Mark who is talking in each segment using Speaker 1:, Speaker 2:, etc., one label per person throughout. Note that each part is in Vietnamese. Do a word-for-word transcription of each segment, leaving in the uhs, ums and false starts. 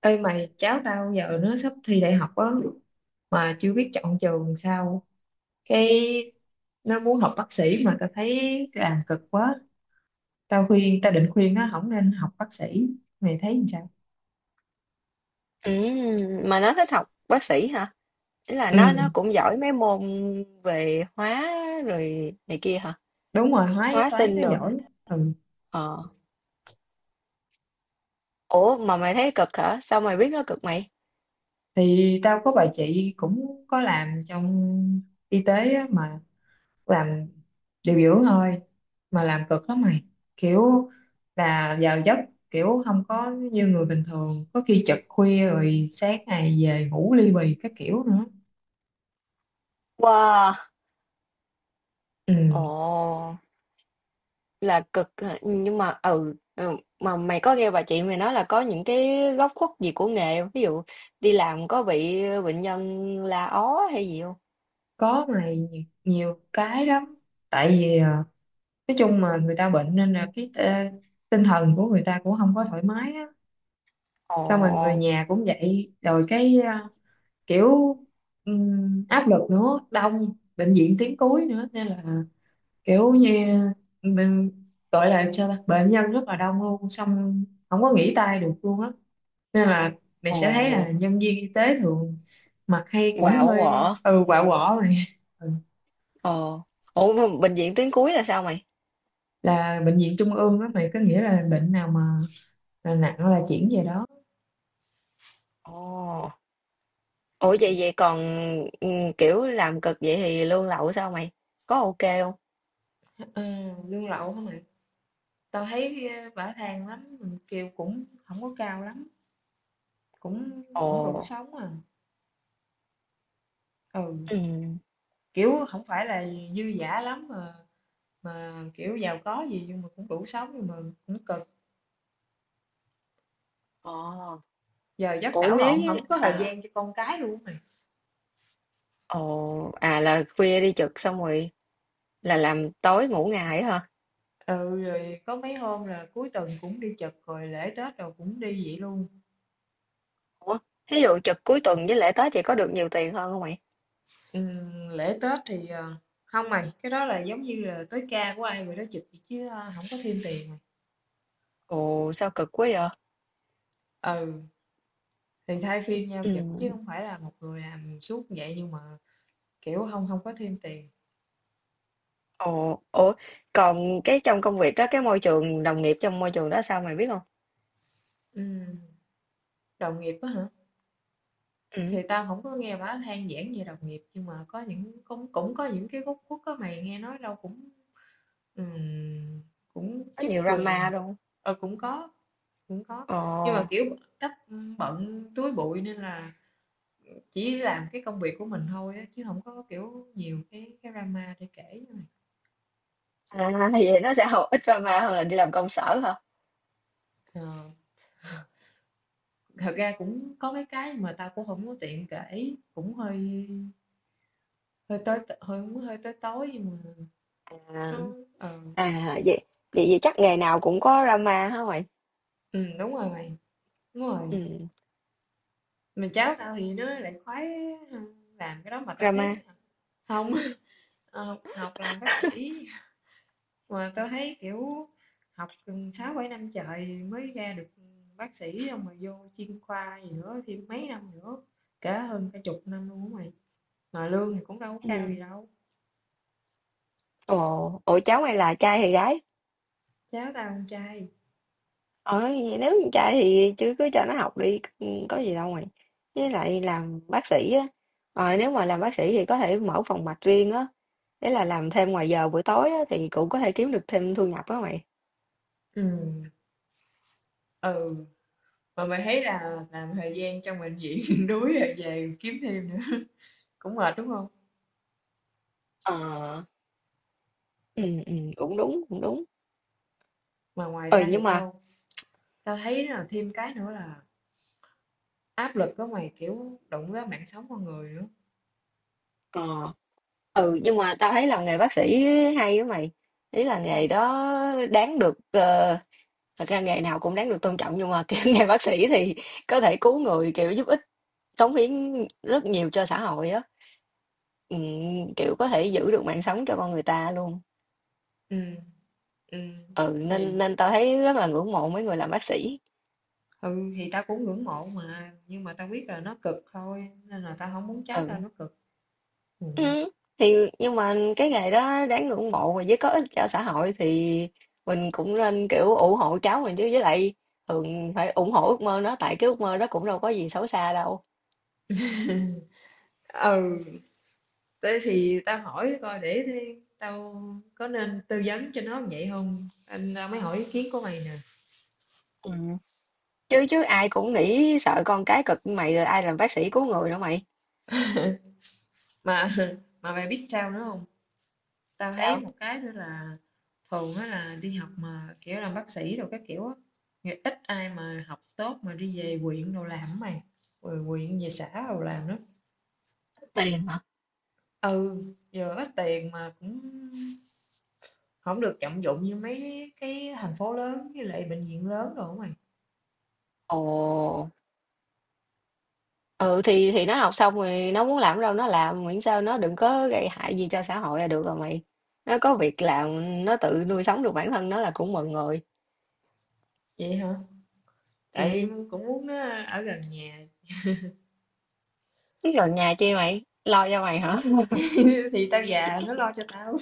Speaker 1: Ê mày, cháu tao giờ nó sắp thi đại học á, mà chưa biết chọn trường sao. cái nó muốn học bác sĩ mà tao thấy làm cực quá. Tao khuyên tao định khuyên nó không nên học bác sĩ. Mày thấy làm sao?
Speaker 2: Ừm, mà nó thích học bác sĩ hả? Ý là
Speaker 1: Ừ,
Speaker 2: nó nó cũng giỏi mấy môn về hóa rồi này kia hả?
Speaker 1: đúng rồi, hóa với
Speaker 2: Hóa
Speaker 1: toán
Speaker 2: sinh
Speaker 1: nó
Speaker 2: rồi.
Speaker 1: giỏi. Ừ,
Speaker 2: Ờ. Ủa mà mày thấy cực hả? Sao mày biết nó cực mày?
Speaker 1: thì tao có bà chị cũng có làm trong y tế á, mà làm điều dưỡng thôi, mà làm cực lắm mày. kiểu là vào giấc kiểu không có như người bình thường, có khi trực khuya rồi sáng ngày về ngủ ly bì các kiểu nữa.
Speaker 2: Wow. Ồ,
Speaker 1: Ừ,
Speaker 2: là cực hả? Nhưng mà ừ, ừ mà mày có nghe bà chị mày nói là có những cái góc khuất gì của nghề không? Ví dụ đi làm có bị bệnh nhân la ó hay gì không?
Speaker 1: có mày, nhi- nhiều cái lắm. Tại vì à, nói chung mà người ta bệnh nên là cái à, tinh thần của người ta cũng không có thoải mái á.
Speaker 2: Ồ,
Speaker 1: Xong rồi người nhà cũng vậy, rồi cái à, kiểu ừm, áp lực nữa, đông, bệnh viện tuyến cuối nữa, nên là kiểu như mình gọi là sao ta? Bệnh nhân rất là đông luôn, xong không có nghỉ tay được luôn á. Nên là mày sẽ thấy
Speaker 2: ồ,
Speaker 1: là nhân viên y tế thường mặt hay cũng
Speaker 2: quạo
Speaker 1: hơi
Speaker 2: quọ.
Speaker 1: ừ quạ quọ rồi. Ừ.
Speaker 2: Ồ. Ủa mà bệnh viện tuyến cuối là sao mày?
Speaker 1: Là bệnh viện trung ương đó mày, có nghĩa là bệnh nào mà là nặng là chuyển về đó.
Speaker 2: Ồ, ủa vậy vậy còn ừ, kiểu làm cực vậy thì lương lậu sao mày? Có ok không?
Speaker 1: Ờ, lương lậu hả mày, tao thấy ờ, bả than lắm, kêu cũng không có cao lắm, cũng cũng đủ
Speaker 2: Ồ,
Speaker 1: sống à. Ừ,
Speaker 2: ừ.
Speaker 1: kiểu không phải là dư dả lắm, mà mà kiểu giàu có gì, nhưng mà cũng đủ sống, nhưng mà cũng cực.
Speaker 2: Ồ,
Speaker 1: Giờ giấc
Speaker 2: ủa
Speaker 1: đảo
Speaker 2: nếu
Speaker 1: lộn,
Speaker 2: như
Speaker 1: không có thời
Speaker 2: à,
Speaker 1: gian cho con cái luôn mày.
Speaker 2: ồ, à là khuya đi trực xong rồi là làm tối ngủ ngày hả?
Speaker 1: Ừ, rồi có mấy hôm là cuối tuần cũng đi chật, rồi lễ Tết rồi cũng đi vậy luôn.
Speaker 2: Ủa, ví dụ trực cuối tuần với lễ Tết vậy có được nhiều tiền hơn không mày?
Speaker 1: Ừ, lễ Tết thì ờ, không mày, cái đó là giống như là tới ca của ai rồi đó chụp vậy, chứ ờ, không có thêm tiền mày.
Speaker 2: Ồ, sao cực quá vậy?
Speaker 1: Ừ, thì thay phiên nhau
Speaker 2: Ừ.
Speaker 1: chụp chứ không phải là một người làm suốt vậy, nhưng mà kiểu không không có thêm tiền.
Speaker 2: Ồ, ủa, còn cái trong công việc đó, cái môi trường đồng nghiệp trong môi trường đó sao mày biết không?
Speaker 1: Ừ. Đồng nghiệp á hả? Thì
Speaker 2: Ừ,
Speaker 1: tao không có nghe bả than vãn về đồng nghiệp, nhưng mà có những cũng cũng có những cái góc khuất á mày, nghe nói đâu cũng ừm, cũng
Speaker 2: có
Speaker 1: chức
Speaker 2: nhiều
Speaker 1: quyền.
Speaker 2: drama đúng không?
Speaker 1: Ờ, cũng có, cũng có,
Speaker 2: Ồ.
Speaker 1: nhưng mà kiểu cách bận túi bụi, nên là chỉ làm cái công việc của mình thôi á, chứ không có kiểu nhiều cái cái drama để kể như này.
Speaker 2: À, thì vậy nó sẽ học ít drama hơn là đi làm công sở hả?
Speaker 1: Ờ, thật ra cũng có mấy cái mà tao cũng không có tiện kể, cũng hơi hơi tới hơi hơi tới tối nhưng mà
Speaker 2: À,
Speaker 1: nó ờ.
Speaker 2: à vậy, vậy vậy chắc nghề nào cũng có drama hả mày?
Speaker 1: Ừ, đúng rồi mày, đúng rồi.
Speaker 2: Ừ,
Speaker 1: Mà cháu tao thì nó lại khoái làm cái đó, mà tao thấy
Speaker 2: drama.
Speaker 1: à, không. Ờ, học, học làm bác sĩ, mà tao thấy kiểu học gần sáu bảy năm trời mới ra được bác sĩ, xong rồi vô chuyên khoa gì nữa thêm mấy năm nữa, cả hơn cả chục năm luôn á mày, mà lương thì cũng đâu có
Speaker 2: Ừ.
Speaker 1: cao gì đâu.
Speaker 2: Ồ, ủa cháu mày là trai hay gái?
Speaker 1: Cháu tao con trai.
Speaker 2: Ờ, vậy nếu con trai thì chứ cứ cho nó học đi, ừ, có gì đâu mày. Với lại làm bác sĩ á, ờ, nếu mà làm bác sĩ thì có thể mở phòng mạch riêng á, đấy là làm thêm ngoài giờ buổi tối á, thì cũng có thể kiếm được thêm thu nhập đó mày.
Speaker 1: Ừ, ừ, mà mày thấy là làm thời gian trong bệnh viện đuối rồi về kiếm thêm nữa cũng mệt đúng không?
Speaker 2: Ờ, ừ, ừ, cũng đúng, cũng đúng.
Speaker 1: Mà ngoài
Speaker 2: Ừ,
Speaker 1: ra thì
Speaker 2: nhưng mà
Speaker 1: tao tao thấy là thêm cái nữa là áp lực đó mày, kiểu đụng tới mạng sống con người nữa.
Speaker 2: ờ ừ nhưng mà tao thấy làm nghề bác sĩ hay á mày, ý là nghề
Speaker 1: Sao?
Speaker 2: đó đáng được ờ, thật ra nghề nào cũng đáng được tôn trọng nhưng mà kiểu nghề bác sĩ thì có thể cứu người kiểu giúp ích cống hiến rất nhiều cho xã hội á. Ừ, kiểu có thể giữ được mạng sống cho con người ta luôn.
Speaker 1: Ừ, ừ.
Speaker 2: Ừ
Speaker 1: Thì
Speaker 2: nên nên tao thấy rất là ngưỡng mộ mấy người làm bác sĩ.
Speaker 1: ừ, thì tao cũng ngưỡng mộ mà, nhưng mà tao biết là nó cực thôi, nên là tao không muốn cháu tao nó
Speaker 2: Ừ.
Speaker 1: cực. Ừ.
Speaker 2: Ừm, thì nhưng mà cái nghề đó đáng ngưỡng mộ và với có ích cho xã hội thì mình cũng nên, kiểu, ủng hộ cháu mình chứ, với lại thường phải ủng hộ ước mơ nó, tại cái ước mơ đó cũng đâu có gì xấu xa đâu.
Speaker 1: Ừ, thế thì tao hỏi coi để thế tao có nên tư vấn cho nó vậy không? Anh tao mới hỏi ý kiến của mày nè.
Speaker 2: Ừm. Chứ chứ ai cũng nghĩ sợ con cái cực như mày rồi ai làm bác sĩ cứu người nữa mày.
Speaker 1: Mà mà mày biết sao nữa không? Tao thấy
Speaker 2: Sao?
Speaker 1: một cái nữa là thường á là đi học mà kiểu làm bác sĩ rồi các kiểu á, thì ít ai mà học tốt mà đi về quyện đồ làm á mày, rồi quyện về xã đồ làm đó.
Speaker 2: Tiền hả?
Speaker 1: Ừ, giờ ít tiền mà cũng không được trọng dụng như mấy cái thành phố lớn với lại bệnh viện lớn đồ á mày.
Speaker 2: Ồ, ừ, thì thì nó học xong rồi nó muốn làm đâu nó làm, miễn sao nó đừng có gây hại gì cho xã hội là được rồi mày. Nó có việc làm, nó tự nuôi sống được bản thân nó là cũng mừng rồi.
Speaker 1: Vậy hả? Tại
Speaker 2: Ừm.
Speaker 1: cũng muốn nó ở gần nhà.
Speaker 2: Cái lò nhà chi mày? Lo cho mày hả?
Speaker 1: Thì tao già nó lo cho tao.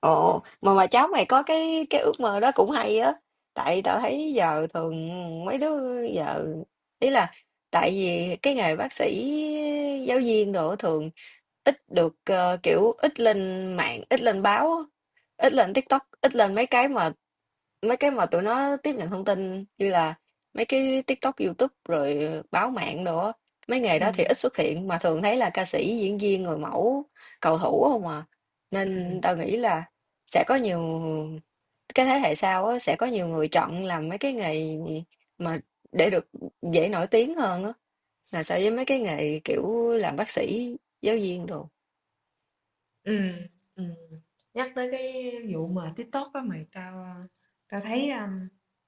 Speaker 2: Ồ, mà mà cháu mày có cái cái ước mơ đó cũng hay á. Tại tao thấy giờ thường mấy đứa giờ ý là tại vì cái nghề bác sĩ giáo viên đồ thường ít được ờ, kiểu ít lên mạng, ít lên báo, á, ít lên TikTok, ít lên mấy cái mà mấy cái mà tụi nó tiếp nhận thông tin như là mấy cái TikTok, YouTube rồi báo mạng đồ á. Mấy nghề
Speaker 1: Ừ,
Speaker 2: đó thì ít xuất hiện mà thường thấy là ca sĩ, diễn viên, người mẫu, cầu thủ không à. Nên
Speaker 1: ừ.
Speaker 2: tao nghĩ là sẽ có nhiều cái thế hệ sau á, sẽ có nhiều người chọn làm mấy cái nghề mà để được dễ nổi tiếng hơn á, là so với mấy cái nghề, kiểu, làm bác sĩ, giáo viên đồ.
Speaker 1: Ừ, ừ. Nhắc tới cái vụ mà TikTok đó mày, tao ờ, tao thấy um,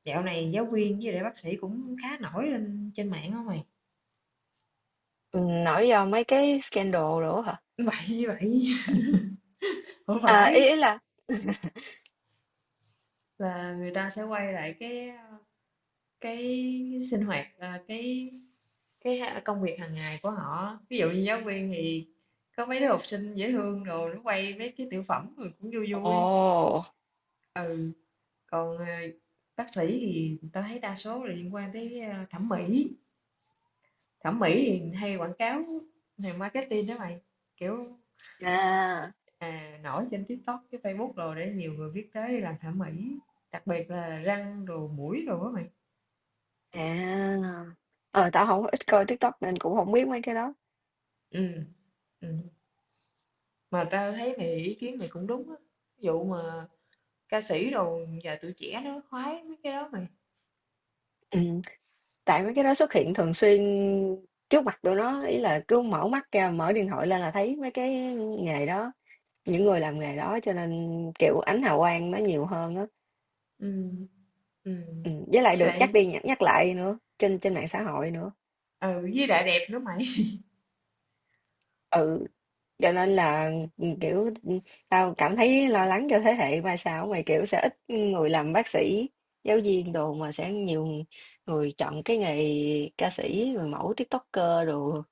Speaker 1: dạo này giáo viên với lại bác sĩ cũng khá nổi lên trên mạng không mày?
Speaker 2: Ừm, nổi do mấy cái scandal đồ hả?
Speaker 1: Vậy như vậy. Không
Speaker 2: À, ý
Speaker 1: phải,
Speaker 2: ý là
Speaker 1: là người ta sẽ quay lại cái ờ, cái sinh hoạt ờ, cái cái ha- công việc hàng ngày của họ, ví dụ như giáo viên thì có mấy đứa học sinh dễ thương rồi nó quay mấy cái tiểu phẩm rồi cũng vui
Speaker 2: ồ,
Speaker 1: vui. Ừ, còn ờ, bác sĩ thì tao thấy đa số là liên quan tới ờ, thẩm mỹ. Thẩm mỹ thì hay quảng cáo, này marketing đó mày, kiểu
Speaker 2: à,
Speaker 1: à, nổi trên TikTok, cái Facebook, rồi để nhiều người biết tới đi làm thẩm mỹ, đặc biệt là răng đồ mũi đồ đó mày.
Speaker 2: à. Ờ, tao không ít coi TikTok nên cũng không biết mấy cái đó.
Speaker 1: Ừ, ừ. Mà tao thấy mày, ý kiến mày cũng đúng á. Ví dụ mà ca sĩ đồ giờ tụi trẻ nó khoái mấy cái đó mày.
Speaker 2: Ừm, tại mấy cái đó xuất hiện thường xuyên trước mặt tụi nó, ý là cứ mở mắt ra, mở điện thoại lên là thấy mấy cái nghề đó. Những người làm nghề đó cho nên, kiểu, ánh hào quang nó nhiều hơn á.
Speaker 1: Ừ, ừ.
Speaker 2: Ừm, với lại
Speaker 1: Với
Speaker 2: được nhắc
Speaker 1: lại
Speaker 2: đi nhắc nhắc lại nữa, trên trên mạng xã hội nữa.
Speaker 1: ừ, với lại đẹp nữa mày.
Speaker 2: Ừ, cho nên là, ừ, kiểu, ừ, tao cảm thấy lo lắng cho thế hệ mai sau mày, kiểu, sẽ ít người làm bác sĩ, giáo viên đồ mà sẽ nhiều người chọn cái nghề ca sĩ, người mẫu, TikToker đồ.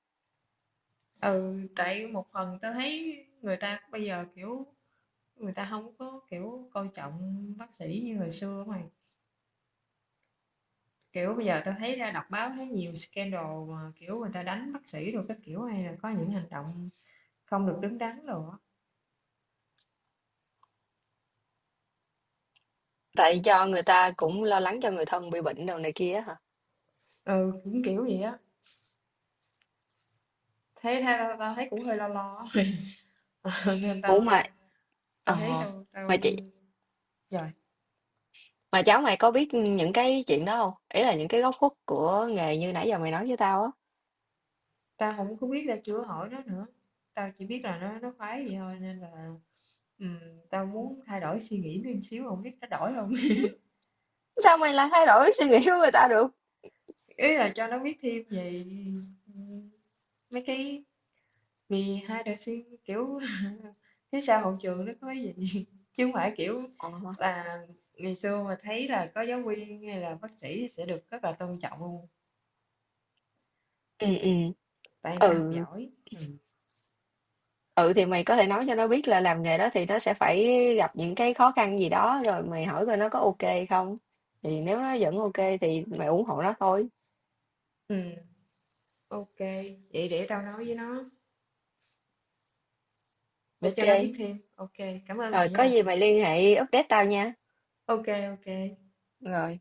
Speaker 1: Ừ, tại một phần tao thấy người ta bây giờ kiểu người ta không có kiểu coi trọng bác sĩ như hồi xưa mày. Kiểu bây giờ tao thấy ra đọc báo thấy nhiều scandal, mà kiểu người ta đánh bác sĩ rồi các kiểu, hay là có những hành động không được đứng đắn rồi á.
Speaker 2: Tại do người ta cũng lo lắng cho người thân bị bệnh đồ này kia á hả?
Speaker 1: Ừ, cũng kiểu vậy á. Thế tha- tao, tao thấy cũng hơi lo lo. Nên tao
Speaker 2: Ủa mà
Speaker 1: tao thấy
Speaker 2: ờ,
Speaker 1: tao tao
Speaker 2: mà chị.
Speaker 1: rồi,
Speaker 2: Mà cháu mày có biết những cái chuyện đó không? Ý là những cái góc khuất của nghề như nãy giờ mày nói với tao á.
Speaker 1: tao không có biết, tao chưa hỏi nó nữa. Tao chỉ biết là nó nó khoái vậy thôi, nên là ừm, tao muốn thay đổi suy nghĩ thêm xíu, không biết nó đổi không.
Speaker 2: Sao mày lại thay đổi suy nghĩ của người ta được?
Speaker 1: Ý là cho nó biết thêm về ừm, mấy cái vì hai đời sinh kiểu phía sau hậu trường nó có cái gì, chứ không phải kiểu
Speaker 2: Ờ.
Speaker 1: là ngày xưa mà thấy là có giáo viên hay là bác sĩ sẽ được rất là tôn trọng luôn,
Speaker 2: Ừ, ừ.
Speaker 1: tại người ta học
Speaker 2: Ừ,
Speaker 1: giỏi. Ừ.
Speaker 2: ừ, thì mày có thể nói cho nó biết là làm nghề đó thì nó sẽ phải gặp những cái khó khăn gì đó, rồi mày hỏi coi nó có OK không. Thì nếu nó vẫn OK thì mày ủng hộ nó thôi.
Speaker 1: Ừ, ok. Vậy để tao nói với nó, để cho nó biết
Speaker 2: OK,
Speaker 1: thêm. Ok, cảm ơn
Speaker 2: rồi
Speaker 1: mày
Speaker 2: có
Speaker 1: nha.
Speaker 2: gì mày liên hệ update tao nha.
Speaker 1: Ok, ok.
Speaker 2: Rồi.